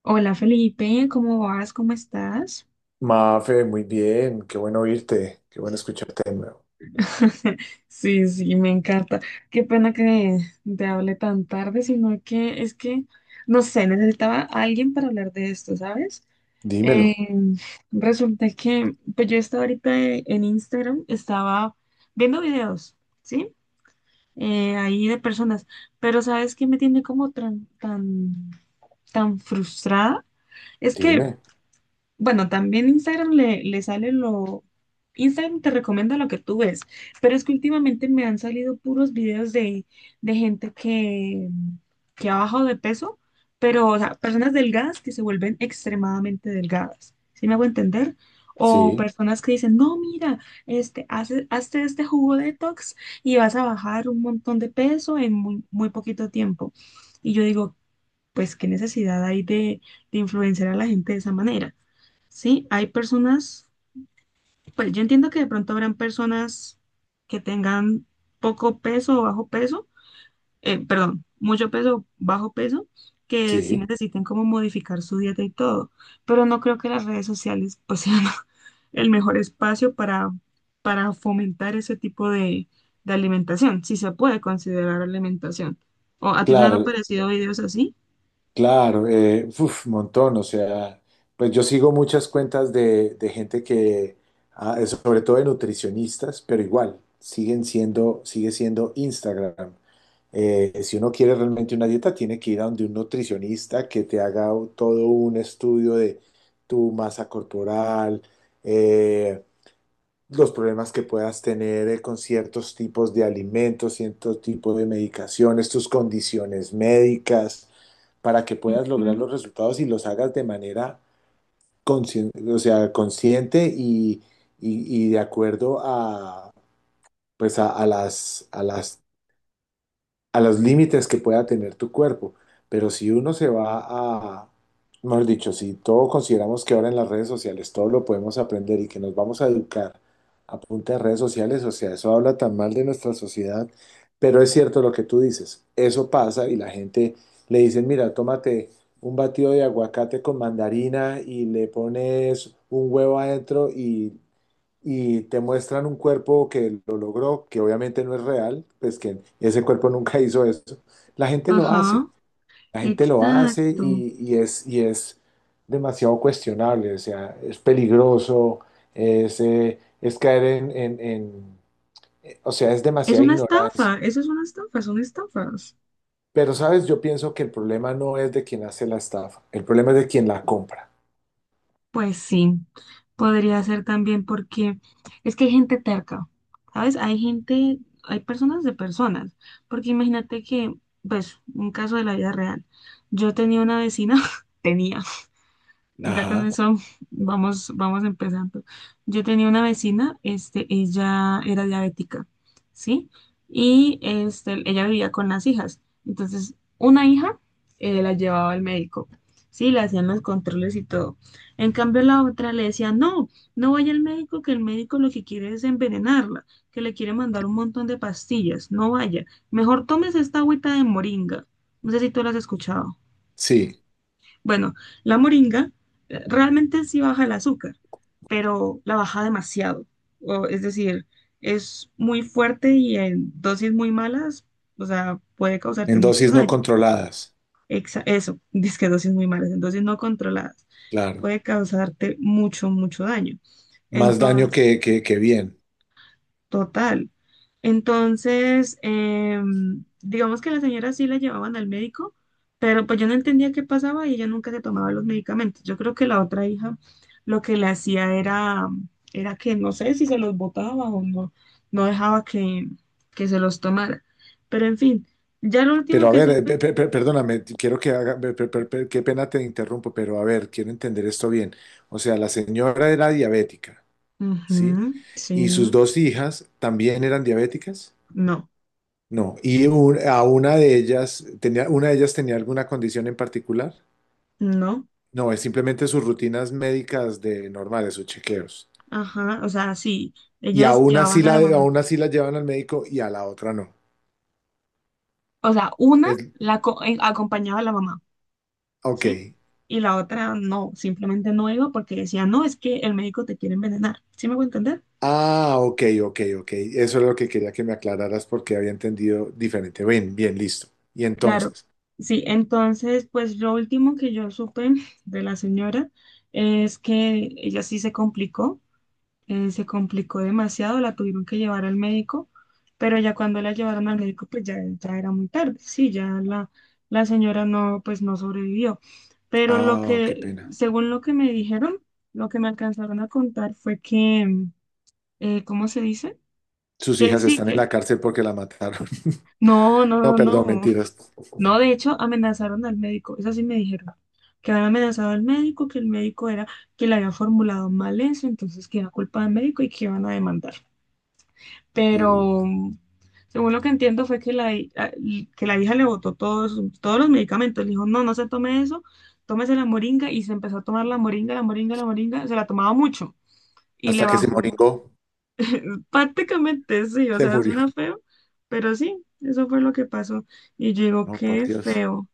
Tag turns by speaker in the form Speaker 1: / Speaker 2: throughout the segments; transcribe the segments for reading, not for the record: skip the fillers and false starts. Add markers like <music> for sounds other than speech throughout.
Speaker 1: Hola Felipe, ¿cómo vas? ¿Cómo estás?
Speaker 2: Mafe, muy bien, qué bueno oírte, qué bueno escucharte de nuevo.
Speaker 1: <laughs> Sí, sí, me encanta. Qué pena que te hable tan tarde, sino que es que, no sé, necesitaba a alguien para hablar de esto, ¿sabes?
Speaker 2: Dímelo,
Speaker 1: Eh, Resulta que, pues yo estaba ahorita en Instagram, estaba viendo videos, ¿sí? Ahí de personas, pero ¿sabes qué me tiene como tan, tan, tan frustrada? Es que
Speaker 2: dime.
Speaker 1: Bueno, también Instagram le sale Instagram te recomienda lo que tú ves, pero es que últimamente me han salido puros videos de gente que ha bajado de peso, pero, o sea, personas delgadas que se vuelven extremadamente delgadas, ¿sí me hago entender? O
Speaker 2: Sí,
Speaker 1: personas que dicen, no, mira, hazte este jugo detox y vas a bajar un montón de peso en muy, muy poquito tiempo. Y yo digo, pues, ¿qué necesidad hay de influenciar a la gente de esa manera? Sí, hay personas, pues yo entiendo que de pronto habrán personas que tengan poco peso o bajo peso, perdón, mucho peso o bajo peso, que sí
Speaker 2: sí,
Speaker 1: necesiten como modificar su dieta y todo, pero no creo que las redes sociales pues <laughs> sean el mejor espacio para fomentar ese tipo de alimentación, si se puede considerar alimentación. ¿O a ti no han
Speaker 2: claro,
Speaker 1: aparecido videos así?
Speaker 2: claro, uf, montón, o sea, pues yo sigo muchas cuentas de gente que, sobre todo de nutricionistas, pero igual, sigue siendo Instagram. Si uno quiere realmente una dieta, tiene que ir a donde un nutricionista que te haga todo un estudio de tu masa corporal, eh, los problemas que puedas tener con ciertos tipos de alimentos, ciertos tipos de medicaciones, tus condiciones médicas, para que puedas lograr
Speaker 1: Ujú.
Speaker 2: los resultados y los hagas de manera o sea, consciente y de acuerdo a, pues a las a los límites que pueda tener tu cuerpo. Pero si uno se va a, mejor dicho, si todo consideramos que ahora en las redes sociales todo lo podemos aprender y que nos vamos a educar a punta de redes sociales, o sea, eso habla tan mal de nuestra sociedad, pero es cierto lo que tú dices, eso pasa y la gente le dice, mira, tómate un batido de aguacate con mandarina y le pones un huevo adentro y te muestran un cuerpo que lo logró, que obviamente no es real, pues que ese cuerpo nunca hizo eso, la gente lo
Speaker 1: Ajá,
Speaker 2: hace, la gente lo hace
Speaker 1: exacto.
Speaker 2: y es demasiado cuestionable, o sea, es peligroso, es caer en, o sea, es
Speaker 1: Es
Speaker 2: demasiada
Speaker 1: una estafa,
Speaker 2: ignorancia.
Speaker 1: eso es una estafa, son estafas.
Speaker 2: Pero, ¿sabes? Yo pienso que el problema no es de quien hace la estafa, el problema es de quien la compra.
Speaker 1: Pues sí, podría ser también porque es que hay gente terca, ¿sabes? Hay gente, hay personas de personas, porque imagínate que, pues, un caso de la vida real. Yo tenía una vecina, <laughs> tenía. Ya con
Speaker 2: Ajá,
Speaker 1: eso vamos, vamos empezando. Yo tenía una vecina, este, ella era diabética, ¿sí? Y este, ella vivía con las hijas. Entonces, una hija la llevaba al médico, ¿sí? Le hacían los controles y todo. En cambio, la otra le decía, no, no vaya al médico, que el médico lo que quiere es envenenarla, que le quiere mandar un montón de pastillas, no vaya. Mejor tomes esta agüita de moringa. No sé si tú la has escuchado.
Speaker 2: sí,
Speaker 1: Bueno, la moringa realmente sí baja el azúcar, pero la baja demasiado. O, es decir, es muy fuerte y en dosis muy malas, o sea, puede causarte
Speaker 2: en
Speaker 1: mucho
Speaker 2: dosis no
Speaker 1: daño.
Speaker 2: controladas,
Speaker 1: Eso, <laughs> que dosis muy malas, en dosis no controladas,
Speaker 2: claro.
Speaker 1: puede causarte mucho, mucho daño.
Speaker 2: Más daño
Speaker 1: Entonces,
Speaker 2: que bien.
Speaker 1: Total. Entonces, digamos que la señora sí la llevaban al médico, pero pues yo no entendía qué pasaba y ella nunca se tomaba los medicamentos. Yo creo que la otra hija lo que le hacía era que no sé si se los botaba o no, no dejaba que se los tomara. Pero en fin, ya lo último
Speaker 2: Pero a
Speaker 1: que
Speaker 2: ver,
Speaker 1: supe,
Speaker 2: perdóname, te- quiero que haga, pe- pe- pe- pe- qué pena te interrumpo, pero a ver, quiero entender esto bien. O sea, la señora era diabética, ¿sí?
Speaker 1: ujú, sí.
Speaker 2: ¿Y sus dos hijas también eran diabéticas?
Speaker 1: No,
Speaker 2: No, y un- a una de ellas tenía, una de ellas tenía alguna condición en particular.
Speaker 1: no.
Speaker 2: No, es simplemente sus rutinas médicas de normales, sus chequeos.
Speaker 1: Ajá, o sea, sí,
Speaker 2: Y
Speaker 1: ellas llevaban a la
Speaker 2: a
Speaker 1: mamá.
Speaker 2: una sí la llevan al médico y a la otra no.
Speaker 1: O sea, una
Speaker 2: Es,
Speaker 1: la co- eh, acompañaba a la mamá. ¿Sí?
Speaker 2: ok.
Speaker 1: Y la otra no, simplemente no iba porque decía, no, es que el médico te quiere envenenar. ¿Sí me voy a entender?
Speaker 2: Ah, ok, ok, ok. Eso es lo que quería que me aclararas porque había entendido diferente. Bien, bien, listo. Y
Speaker 1: Claro.
Speaker 2: entonces,
Speaker 1: Sí, entonces, pues lo último que yo supe de la señora es que ella sí se complicó demasiado, la tuvieron que llevar al médico, pero ya cuando la llevaron al médico, pues ya, ya era muy tarde, sí, la señora no, pues no sobrevivió. Pero lo
Speaker 2: ah, qué
Speaker 1: que,
Speaker 2: pena.
Speaker 1: según lo que me dijeron, lo que me alcanzaron a contar fue que, ¿cómo se dice?
Speaker 2: Sus
Speaker 1: Que
Speaker 2: hijas
Speaker 1: sí,
Speaker 2: están en
Speaker 1: que
Speaker 2: la cárcel porque la mataron. <laughs>
Speaker 1: no, no,
Speaker 2: No,
Speaker 1: no,
Speaker 2: perdón,
Speaker 1: no.
Speaker 2: mentiras.
Speaker 1: No, de hecho, amenazaron al médico. Eso sí me dijeron. Que habían amenazado al médico, que el médico era, que le había formulado mal eso, entonces que era culpa del médico y que iban a demandar. Pero
Speaker 2: Uh,
Speaker 1: según lo que entiendo fue que la, hi- a- y- que la hija le botó todos los medicamentos. Le dijo, no, no se tome eso, tómese la moringa. Y se empezó a tomar la moringa, la moringa, la moringa. Se la tomaba mucho y le
Speaker 2: hasta que se
Speaker 1: bajó.
Speaker 2: moringó,
Speaker 1: <laughs> Prácticamente sí, o
Speaker 2: se
Speaker 1: sea,
Speaker 2: murió.
Speaker 1: suena feo, pero sí, eso fue lo que pasó. Y yo digo,
Speaker 2: No, por
Speaker 1: qué
Speaker 2: Dios.
Speaker 1: feo.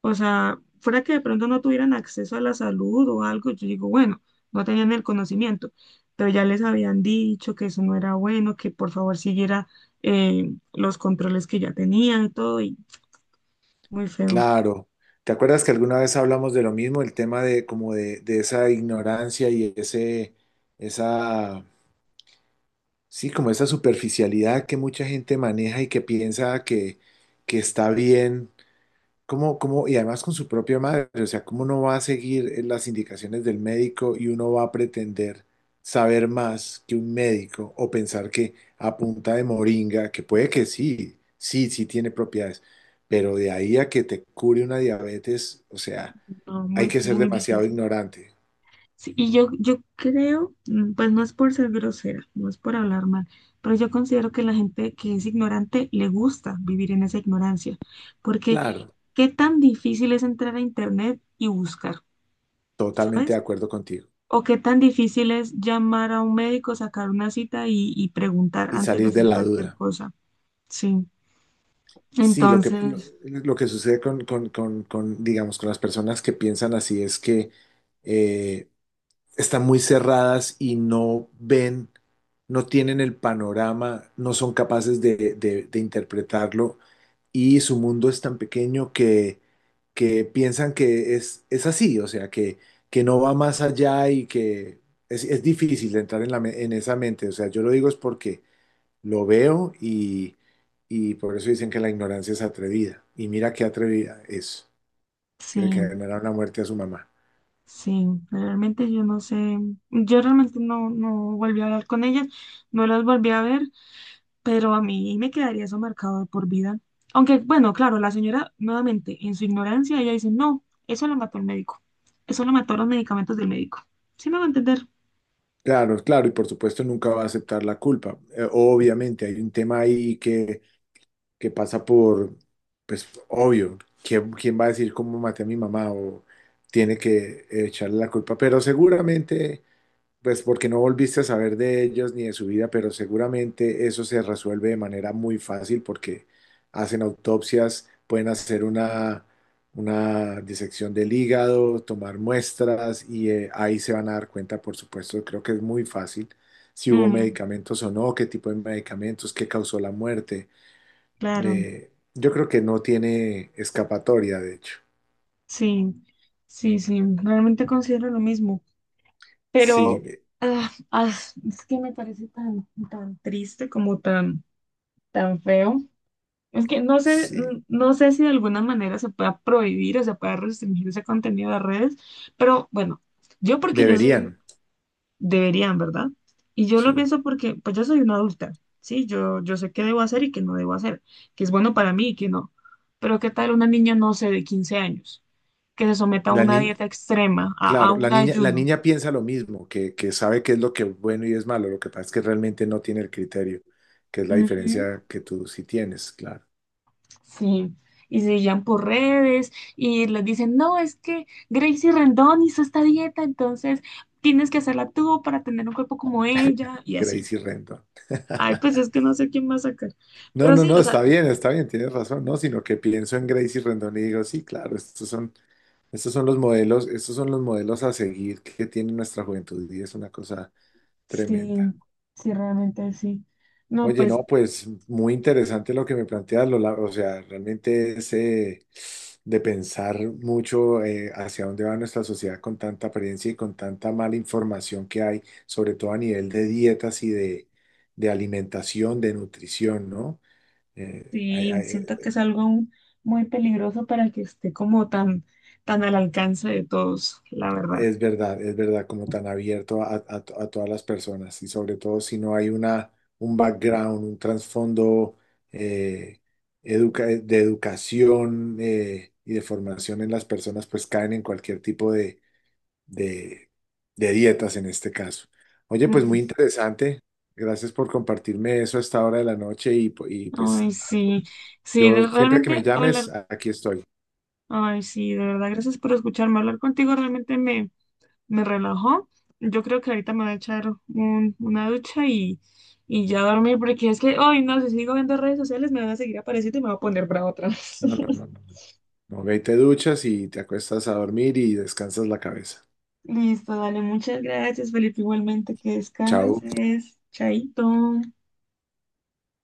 Speaker 1: O sea, fuera que de pronto no tuvieran acceso a la salud o algo, yo digo, bueno, no tenían el conocimiento, pero ya les habían dicho que eso no era bueno, que por favor siguiera los controles que ya tenían y todo, y muy feo.
Speaker 2: Claro. ¿Te acuerdas que alguna vez hablamos de lo mismo, el tema de como de esa ignorancia y ese, esa, sí, como esa superficialidad que mucha gente maneja y que piensa que está bien? ¿Cómo, cómo, y además con su propia madre? O sea, ¿cómo uno va a seguir las indicaciones del médico y uno va a pretender saber más que un médico o pensar que a punta de moringa, que puede que sí tiene propiedades, pero de ahí a que te cure una diabetes, o sea,
Speaker 1: No,
Speaker 2: hay
Speaker 1: muy,
Speaker 2: que ser
Speaker 1: muy
Speaker 2: demasiado
Speaker 1: difícil.
Speaker 2: ignorante.
Speaker 1: Sí, yo creo, pues no es por ser grosera, no es por hablar mal, pero yo considero que la gente que es ignorante le gusta vivir en esa ignorancia, porque
Speaker 2: Claro,
Speaker 1: qué tan difícil es entrar a internet y buscar,
Speaker 2: totalmente de
Speaker 1: ¿sabes?
Speaker 2: acuerdo contigo
Speaker 1: O qué tan difícil es llamar a un médico, sacar una cita y preguntar
Speaker 2: y
Speaker 1: antes de
Speaker 2: salir de
Speaker 1: hacer
Speaker 2: la
Speaker 1: cualquier
Speaker 2: duda.
Speaker 1: cosa. Sí,
Speaker 2: Sí,
Speaker 1: entonces,
Speaker 2: lo que sucede con, digamos, con las personas que piensan así es que... eh, están muy cerradas y no ven, no tienen el panorama, no son capaces de, de interpretarlo y su mundo es tan pequeño que piensan que es así, o sea, que no va más allá y que es difícil entrar en, en esa mente. O sea, yo lo digo es porque lo veo y por eso dicen que la ignorancia es atrevida. Y mira qué atrevida es, que le
Speaker 1: sí,
Speaker 2: genera una muerte a su mamá.
Speaker 1: sí, realmente yo no sé, yo realmente no, no volví a hablar con ellas, no las volví a ver. Pero a mí me quedaría eso marcado de por vida. Aunque, bueno, claro, la señora, nuevamente, en su ignorancia, ella dice, no, eso lo mató el médico. Eso lo mató los medicamentos del médico. ¿Sí me va a entender?
Speaker 2: Claro, claro, y por supuesto nunca va a aceptar la culpa. Obviamente hay un tema ahí que pasa por, pues obvio, ¿quién, quién va a decir cómo maté a mi mamá o tiene que echarle la culpa? Pero seguramente pues porque no volviste a saber de ellos ni de su vida, pero seguramente eso se resuelve de manera muy fácil porque hacen autopsias, pueden hacer una disección del hígado, tomar muestras y ahí se van a dar cuenta, por supuesto, creo que es muy fácil si hubo
Speaker 1: Mm,
Speaker 2: medicamentos o no, qué tipo de medicamentos, qué causó la muerte.
Speaker 1: claro,
Speaker 2: Yo creo que no tiene escapatoria, de hecho.
Speaker 1: sí, sí, sí, realmente considero lo mismo.
Speaker 2: Sí,
Speaker 1: Pero ah, ah, es que me parece tan, tan triste como tan, tan feo. Es que no sé,
Speaker 2: sí,
Speaker 1: no sé si de alguna manera se pueda prohibir o se pueda restringir ese contenido de redes, pero bueno, yo porque yo soy.
Speaker 2: deberían.
Speaker 1: Deberían, ¿verdad? Y yo lo
Speaker 2: Sí.
Speaker 1: pienso porque, pues yo soy una adulta, ¿sí? Yo sé qué debo hacer y qué no debo hacer, qué es bueno para mí y qué no. Pero ¿qué tal una niña, no sé, de 15 años, que se someta a
Speaker 2: La
Speaker 1: una
Speaker 2: ni-
Speaker 1: dieta extrema, a
Speaker 2: Claro,
Speaker 1: un
Speaker 2: la
Speaker 1: ayuno?
Speaker 2: niña piensa lo mismo, que sabe qué es lo que es bueno y es malo, lo que pasa es que realmente no tiene el criterio, que es la
Speaker 1: Ujú.
Speaker 2: diferencia que tú sí tienes, claro,
Speaker 1: Sí. Y se guían por redes y les dicen, no, es que Gracie Rendón hizo esta dieta, entonces tienes que hacerla tú para tener un cuerpo como ella y así.
Speaker 2: Gracie Rendon.
Speaker 1: Ay, pues es que
Speaker 2: <laughs>
Speaker 1: no sé quién va a sacar.
Speaker 2: No,
Speaker 1: Pero
Speaker 2: no,
Speaker 1: sí,
Speaker 2: no,
Speaker 1: o sea,
Speaker 2: está bien, tienes razón, no, sino que pienso en Gracie Rendon y digo, sí, claro, estos son los modelos, estos son los modelos a seguir que tiene nuestra juventud y es una cosa
Speaker 1: sí,
Speaker 2: tremenda.
Speaker 1: sí, realmente sí. No,
Speaker 2: Oye,
Speaker 1: pues
Speaker 2: no, pues muy interesante lo que me planteas, Lola. O sea, realmente es de pensar mucho hacia dónde va nuestra sociedad con tanta apariencia y con tanta mala información que hay, sobre todo a nivel de dietas y de alimentación, de nutrición, ¿no? Eh, hay-
Speaker 1: sí,
Speaker 2: hay-
Speaker 1: siento que es algo aún muy peligroso para que esté como tan, tan al alcance de todos, la verdad.
Speaker 2: Es verdad, como tan abierto a, a todas las personas y sobre todo si no hay una, un background, un trasfondo eh, de educación y de formación en las personas, pues caen en cualquier tipo de, de dietas en este caso. Oye, pues
Speaker 1: Mm.
Speaker 2: muy interesante. Gracias por compartirme eso a esta hora de la noche y, y pues
Speaker 1: Ay,
Speaker 2: yo,
Speaker 1: sí, sí,
Speaker 2: yo siempre que me
Speaker 1: realmente
Speaker 2: llames,
Speaker 1: hablar,
Speaker 2: aquí estoy.
Speaker 1: ay, sí, de verdad, gracias por escucharme. Hablar contigo realmente me, me relajó. Yo creo que ahorita me voy a echar una ducha y ya dormir, porque es que, ay, no, si sigo viendo redes sociales me van a seguir apareciendo y me voy a poner bravo otra vez.
Speaker 2: No, no, no.
Speaker 1: <laughs>
Speaker 2: No. Ok, te duchas y te acuestas a dormir y descansas la cabeza.
Speaker 1: Listo, dale, muchas gracias, Felipe. Igualmente, que
Speaker 2: Chao.
Speaker 1: descanses. Chaito.